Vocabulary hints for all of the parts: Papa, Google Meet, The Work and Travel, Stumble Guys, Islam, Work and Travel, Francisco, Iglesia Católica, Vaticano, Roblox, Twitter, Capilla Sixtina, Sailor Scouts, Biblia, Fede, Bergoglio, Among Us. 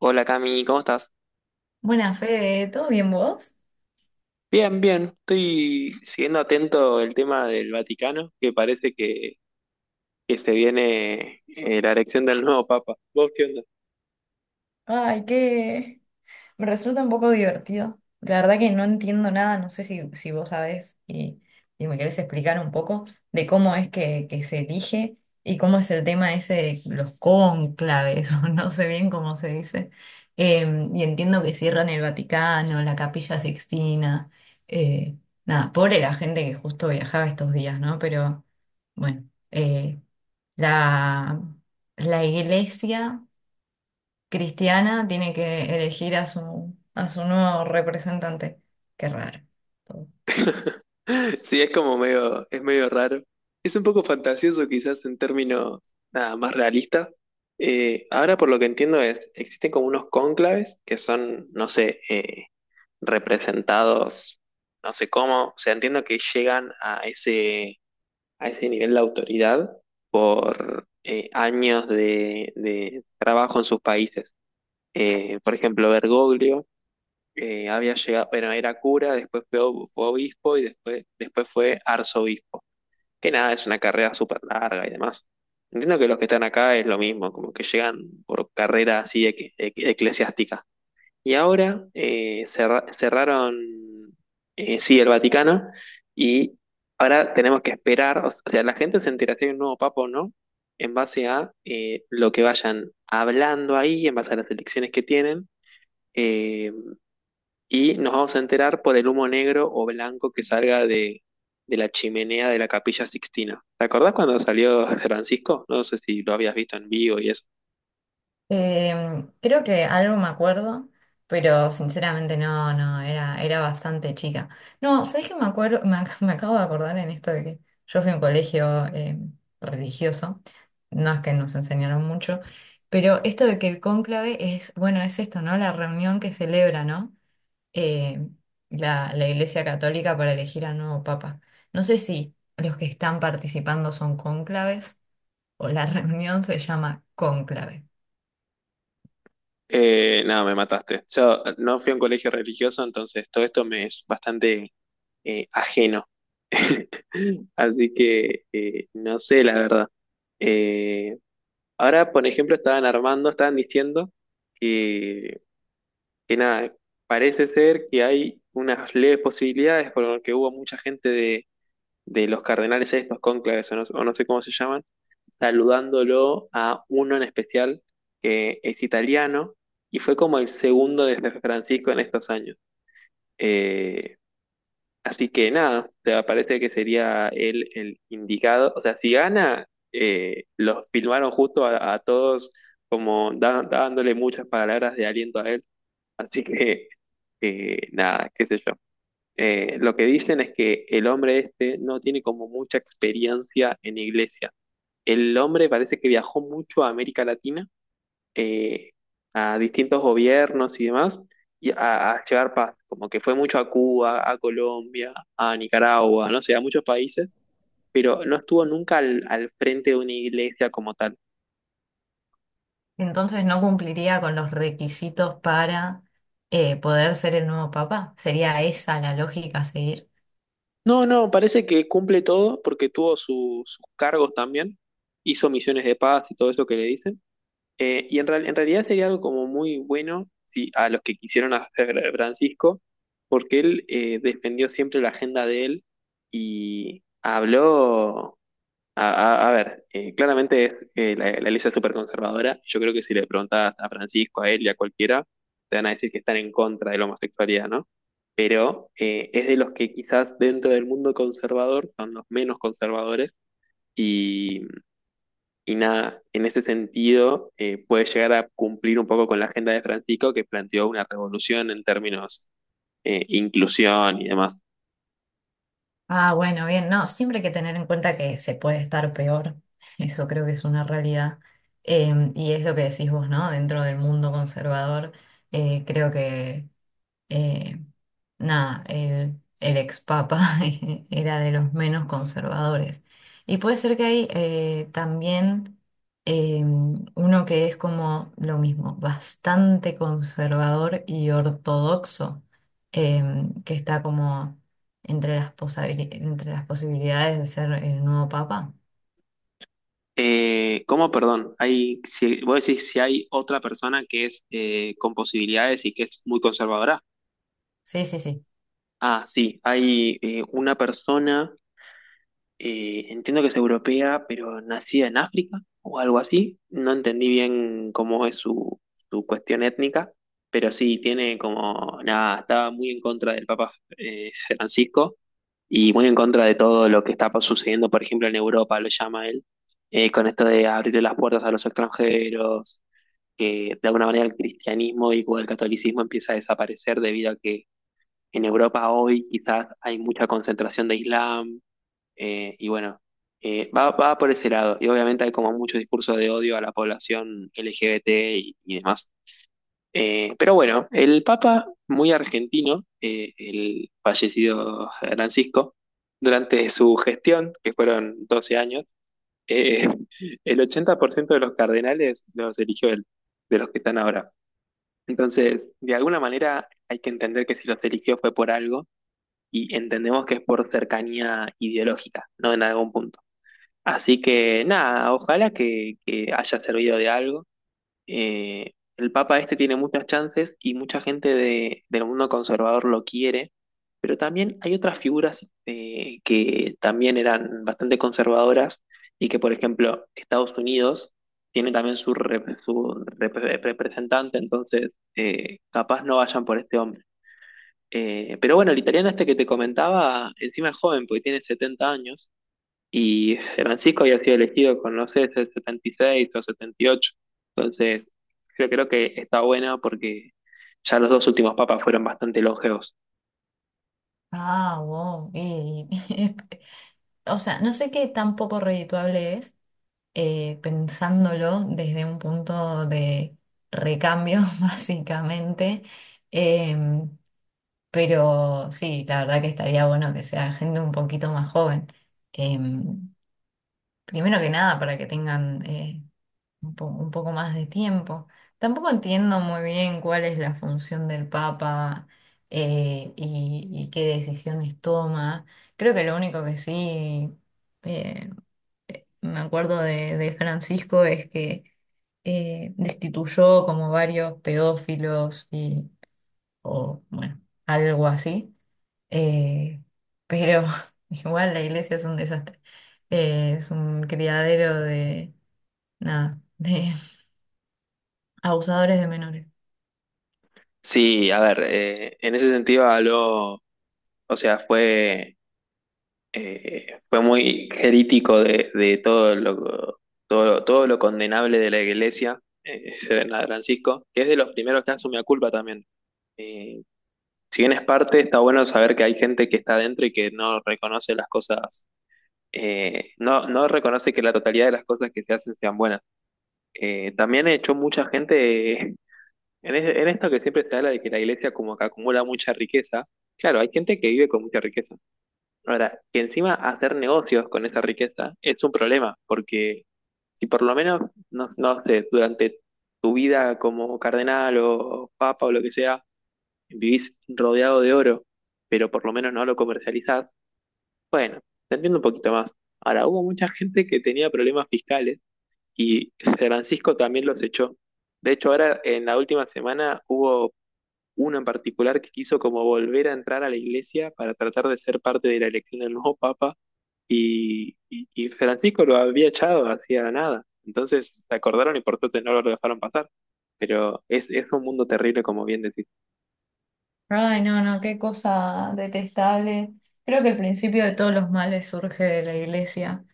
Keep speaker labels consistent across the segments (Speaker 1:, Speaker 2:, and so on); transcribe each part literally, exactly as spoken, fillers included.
Speaker 1: Hola Cami, ¿cómo estás?
Speaker 2: Buenas, Fede, ¿todo bien vos?
Speaker 1: Bien, bien. Estoy siguiendo atento el tema del Vaticano, que parece que, que se viene eh, la elección del nuevo Papa. ¿Vos qué onda?
Speaker 2: Ay, qué... Me resulta un poco divertido. La verdad que no entiendo nada, no sé si, si vos sabés y, y me querés explicar un poco de cómo es que, que se elige y cómo es el tema ese de los cónclaves, o no sé bien cómo se dice. Eh, y entiendo que cierran el Vaticano, la Capilla Sixtina. eh, Nada, pobre la gente que justo viajaba estos días, ¿no? Pero bueno, eh, la, la iglesia cristiana tiene que elegir a su, a su nuevo representante. Qué raro todo.
Speaker 1: Sí, es como medio, es medio raro. Es un poco fantasioso quizás en términos nada más realistas. Eh, ahora por lo que entiendo es, existen como unos cónclaves que son, no sé, eh, representados, no sé cómo, o sea, entiendo que llegan a ese a ese nivel de autoridad por eh, años de, de trabajo en sus países. Eh, por ejemplo, Bergoglio eh, había llegado, bueno, era cura, después fue, fue obispo y después, después fue arzobispo. Que nada, es una carrera súper larga y demás. Entiendo que los que están acá es lo mismo, como que llegan por carrera así equi- equi- eclesiástica. Y ahora eh, cerra- cerraron, eh, sí, el Vaticano y ahora tenemos que esperar, o o sea, la gente se entera si hay un nuevo papa o no, en base a eh, lo que vayan hablando ahí, en base a las elecciones que tienen, eh, y nos vamos a enterar por el humo negro o blanco que salga de, de la chimenea de la Capilla Sixtina. ¿Te acordás cuando salió Francisco? No sé si lo habías visto en vivo y eso.
Speaker 2: Eh, creo que algo me acuerdo, pero sinceramente no, no, era, era bastante chica. No, ¿sabés qué me acuerdo? Me, ac- me acabo de acordar en esto de que yo fui a un colegio eh, religioso, no es que nos enseñaron mucho, pero esto de que el cónclave es, bueno, es esto, ¿no? La reunión que celebra, ¿no? eh, la, la Iglesia Católica para elegir al nuevo Papa. No sé si los que están participando son cónclaves o la reunión se llama cónclave.
Speaker 1: Eh, no, me mataste. Yo no fui a un colegio religioso, entonces todo esto me es bastante eh, ajeno. Así que eh, no sé, la verdad. Eh, Ahora, por ejemplo, estaban armando, estaban diciendo que, que nada, parece ser que hay unas leves posibilidades porque hubo mucha gente de, de los cardenales estos, cónclaves o no, o no sé cómo se llaman, saludándolo a uno en especial, que es italiano y fue como el segundo de Francisco en estos años. Eh, Así que nada, o sea, parece que sería él el indicado. O sea, si gana, eh, los filmaron justo a, a todos como da- dándole muchas palabras de aliento a él. Así que eh, nada, qué sé yo. Eh, lo que dicen es que el hombre este no tiene como mucha experiencia en iglesia. El hombre parece que viajó mucho a América Latina, eh, a distintos gobiernos y demás, y a, a llevar paz, como que fue mucho a Cuba, a Colombia, a Nicaragua, no sé, a muchos países, pero no estuvo nunca al, al frente de una iglesia como tal.
Speaker 2: Entonces no cumpliría con los requisitos para eh, poder ser el nuevo Papa. ¿Sería esa la lógica a seguir?
Speaker 1: No, no, parece que cumple todo porque tuvo su- sus cargos también, hizo misiones de paz y todo eso que le dicen. Eh, y en, real- en realidad sería algo como muy bueno sí, a los que quisieron hacer a Francisco, porque él eh, defendió siempre la agenda de él y habló, a, a- a ver, eh, claramente es, eh, la, la iglesia es súper conservadora, yo creo que si le preguntas a Francisco, a él y a cualquiera, te van a decir que están en contra de la homosexualidad, ¿no? Pero eh, es de los que quizás dentro del mundo conservador son los menos conservadores y y nada, en ese sentido eh, puede llegar a cumplir un poco con la agenda de Francisco, que planteó una revolución en términos eh, inclusión y demás.
Speaker 2: Ah, bueno, bien, no, siempre hay que tener en cuenta que se puede estar peor. Eso creo que es una realidad. Em, y es lo que decís vos, ¿no? Dentro del mundo conservador, eh, creo que eh, nada, el, el ex papa era de los menos conservadores. Y puede ser que hay eh, también eh, uno que es como lo mismo, bastante conservador y ortodoxo, eh, que está como entre las, posabili- entre las posibilidades de ser el nuevo papa.
Speaker 1: Eh, ¿cómo, perdón? Hay, si, vos decís si hay otra persona que es eh, con posibilidades y que es muy conservadora.
Speaker 2: Sí, sí, sí.
Speaker 1: Ah, sí, hay eh, una persona. Eh, entiendo que es europea, pero nacida en África o algo así. No entendí bien cómo es su, su cuestión étnica, pero sí, tiene como, nada, estaba muy en contra del Papa eh, Francisco, y muy en contra de todo lo que está sucediendo, por ejemplo, en Europa, lo llama él, eh, con esto de abrirle las puertas a los extranjeros, que de alguna manera el cristianismo y el catolicismo empieza a desaparecer debido a que en Europa hoy quizás hay mucha concentración de islam, eh, y bueno, eh, va, va por ese lado. Y obviamente hay como mucho discurso de odio a la población L G B T y, y demás. Eh, pero bueno, el Papa, muy argentino, eh, el fallecido Francisco, durante su gestión, que fueron doce años, eh, el ochenta por ciento de los cardenales los eligió él, de los que están ahora. Entonces, de alguna manera hay que entender que si los eligió fue por algo, y entendemos que es por cercanía ideológica, ¿no? En algún punto. Así que nada, ojalá que, que haya servido de algo. Eh, el Papa este tiene muchas chances y mucha gente de- del mundo conservador lo quiere, pero también hay otras figuras eh, que también eran bastante conservadoras y que, por ejemplo, Estados Unidos tiene también su, rep- su rep- representante, entonces eh, capaz no vayan por este hombre. Eh, pero bueno, el italiano este que te comentaba, encima es joven, porque tiene setenta años. Y Francisco había sido elegido con, no sé, setenta y seis o setenta y ocho. Entonces, creo, creo que está buena porque ya los dos últimos papas fueron bastante longevos.
Speaker 2: Ah, wow. Y- y- o sea, no sé qué tan poco redituable es, eh, pensándolo desde un punto de recambio, básicamente. Em, pero sí, la verdad que estaría bueno que sea gente un poquito más joven. Em, Primero que nada, para que tengan eh, un po- un poco más de tiempo. Tampoco entiendo muy bien cuál es la función del Papa eh, y, y qué decisiones toma. Creo que lo único que sí... eh, me acuerdo de, de Francisco es que eh, destituyó como varios pedófilos y, o bueno, algo así. Eh, pero igual la iglesia es un desastre. Eh, es un criadero de, nada, de abusadores de menores.
Speaker 1: Sí, a ver, eh, en ese sentido habló, o sea, fue, eh, fue muy crítico de, de todo lo, todo, lo- todo lo condenable de la iglesia, eh, Francisco, que es de los primeros que asume la culpa también. Eh, si bien es parte, está bueno saber que hay gente que está adentro y que no reconoce las cosas, eh, no, no reconoce que la totalidad de las cosas que se hacen sean buenas. Eh, también echó mucha gente eh, en, es- en esto que siempre se habla de que la iglesia como que acumula mucha riqueza. Claro, hay gente que vive con mucha riqueza. Ahora, que encima hacer negocios con esa riqueza es un problema, porque si por lo menos, no, no sé, durante tu vida como cardenal o papa o lo que sea, vivís rodeado de oro, pero por lo menos no lo comercializás, bueno, te entiendo un poquito más. Ahora, hubo mucha gente que tenía problemas fiscales, y Francisco también los echó. De hecho, ahora en la última semana hubo uno en particular que quiso como volver a entrar a la iglesia para tratar de ser parte de la elección del nuevo papa, y, y- y Francisco lo había echado hacía nada. Entonces se acordaron y por suerte no lo dejaron pasar. Pero es, es un mundo terrible, como bien decís.
Speaker 2: Ay, no, no, qué cosa detestable. Creo que el principio de todos los males surge de la iglesia,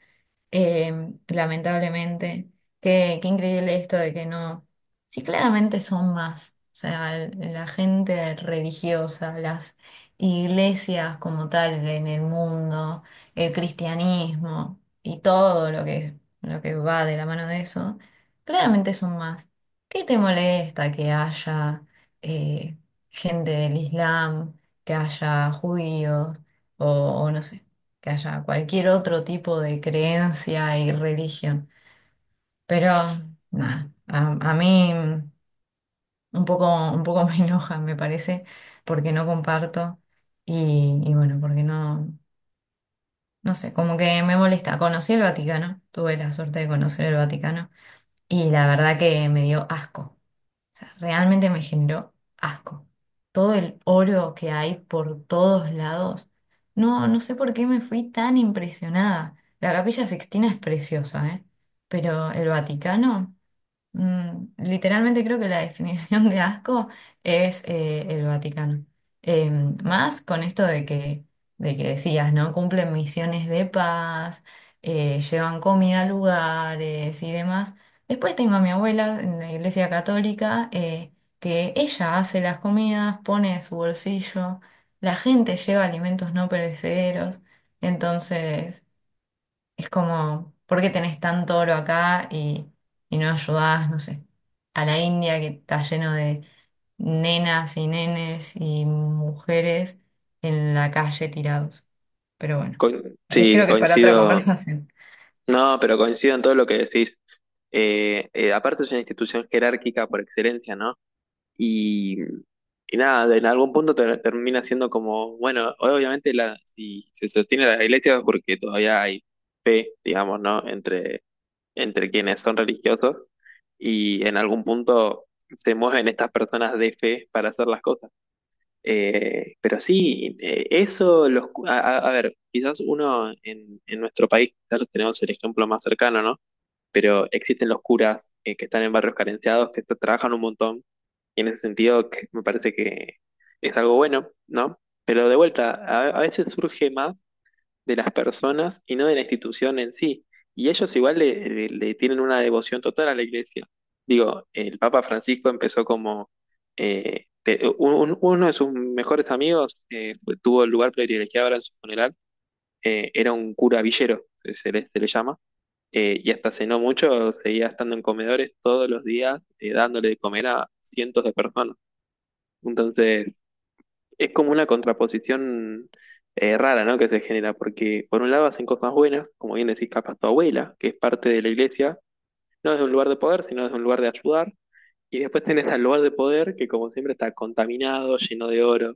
Speaker 2: eh, lamentablemente. Qué, qué increíble esto de que no. Sí, claramente son más. O sea, l- la gente religiosa, las iglesias como tal en el mundo, el cristianismo y todo lo que, lo que va de la mano de eso, claramente son más. ¿Qué te molesta que haya eh, gente del Islam, que haya judíos o o no sé? Que haya cualquier otro tipo de creencia y religión. Pero nada, a, a mí un poco, un poco me enoja, me parece, porque no comparto y, y bueno, porque no, no sé, como que me molesta. Conocí el Vaticano, tuve la suerte de conocer el Vaticano y la verdad que me dio asco. Sea, realmente me generó asco. Todo el oro que hay por todos lados. No, no sé por qué me fui tan impresionada. La Capilla Sixtina es preciosa, ¿eh? Pero el Vaticano. Mm, literalmente creo que la definición de asco es eh, el Vaticano. Eh, más con esto de que, de que decías, ¿no? Cumplen misiones de paz, eh, llevan comida a lugares y demás. Después tengo a mi abuela en la iglesia católica, eh, que ella hace las comidas, pone de su bolsillo, la gente lleva alimentos no perecederos, entonces... Es como, ¿por qué tenés tanto oro acá y, y no ayudás, no sé, a la India que está lleno de nenas y nenes y mujeres en la calle tirados? Pero bueno,
Speaker 1: Con-
Speaker 2: eh,
Speaker 1: sí,
Speaker 2: creo que es para otra
Speaker 1: coincido.
Speaker 2: conversación.
Speaker 1: No, pero coincido en todo lo que decís. Eh, eh, aparte es una institución jerárquica por excelencia, ¿no? Y, y nada, en algún punto ter- termina siendo como, bueno, obviamente la, si se sostiene la iglesia es porque todavía hay fe, digamos, ¿no? Entre, entre quienes son religiosos, y en algún punto se mueven estas personas de fe para hacer las cosas. Eh, pero sí, eh, eso, los, cu- a, a- a ver, quizás uno en, en nuestro país, quizás tenemos el ejemplo más cercano, ¿no? Pero existen los curas eh, que están en barrios carenciados, que tra- trabajan un montón, y en ese sentido que me parece que es algo bueno, ¿no? Pero de vuelta, a, a veces surge más de las personas y no de la institución en sí, y ellos igual le, le- le tienen una devoción total a la iglesia. Digo, el Papa Francisco empezó como... eh, te- un- uno de sus mejores amigos, eh, fue- tuvo el lugar privilegiado ahora en su funeral, eh, era un cura villero, se le se le llama, eh, y hasta hace no mucho seguía estando en comedores todos los días, eh, dándole de comer a cientos de personas. Entonces, es como una contraposición eh, rara, ¿no? Que se genera, porque por un lado hacen cosas buenas, como bien decís, capaz tu abuela, que es parte de la iglesia, no desde un lugar de poder, sino desde un lugar de ayudar. Y después tenés al lugar de poder, que como siempre está contaminado, lleno de oro,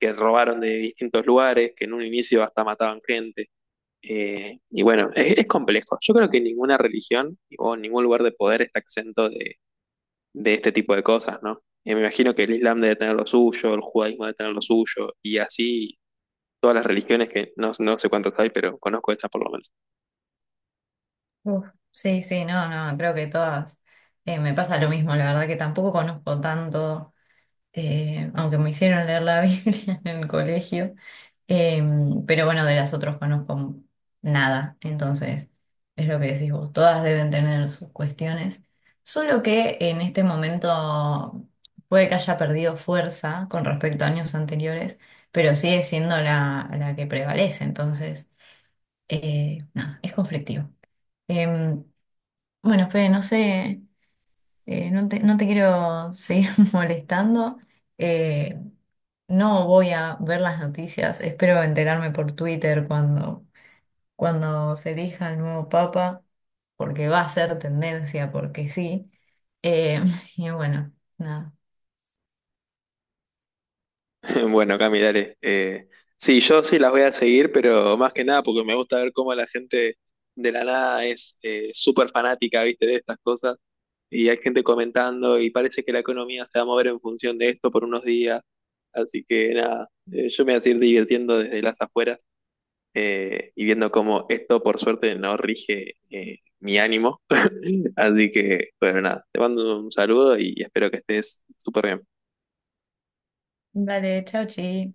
Speaker 1: que robaron de distintos lugares, que en un inicio hasta mataban gente, eh, y bueno, es, es complejo. Yo creo que ninguna religión o ningún lugar de poder está exento de, de este tipo de cosas, ¿no? Eh, me imagino que el Islam debe tener lo suyo, el judaísmo debe tener lo suyo, y así todas las religiones que no, no sé cuántas hay, pero conozco esta por lo menos.
Speaker 2: Uf, sí, sí, no, no, creo que todas. Eh, me pasa lo mismo, la verdad que tampoco conozco tanto. Eh, aunque me hicieron leer la Biblia en el colegio, eh, pero bueno, de las otras conozco nada, entonces es lo que decís vos, todas deben tener sus cuestiones, solo que en este momento puede que haya perdido fuerza con respecto a años anteriores, pero sigue siendo la, la que prevalece, entonces, eh, nada, es conflictivo. Em, bueno, Fede, no sé. Eh, no te, no te quiero seguir molestando. Eh, no voy a ver las noticias. Espero enterarme por Twitter cuando, cuando se elija el nuevo papa, porque va a ser tendencia, porque sí. Eh, y bueno, nada.
Speaker 1: Bueno, Cami, dale. Eh, sí, yo sí las voy a seguir, pero más que nada porque me gusta ver cómo la gente de la nada es eh, súper fanática, ¿viste? De estas cosas. Y hay gente comentando y parece que la economía se va a mover en función de esto por unos días. Así que nada, eh, yo me voy a seguir divirtiendo desde las afueras, eh, y viendo cómo esto por suerte no rige eh, mi ánimo. Así que bueno, nada, te mando un saludo y espero que estés súper bien.
Speaker 2: Vale, chau, chi.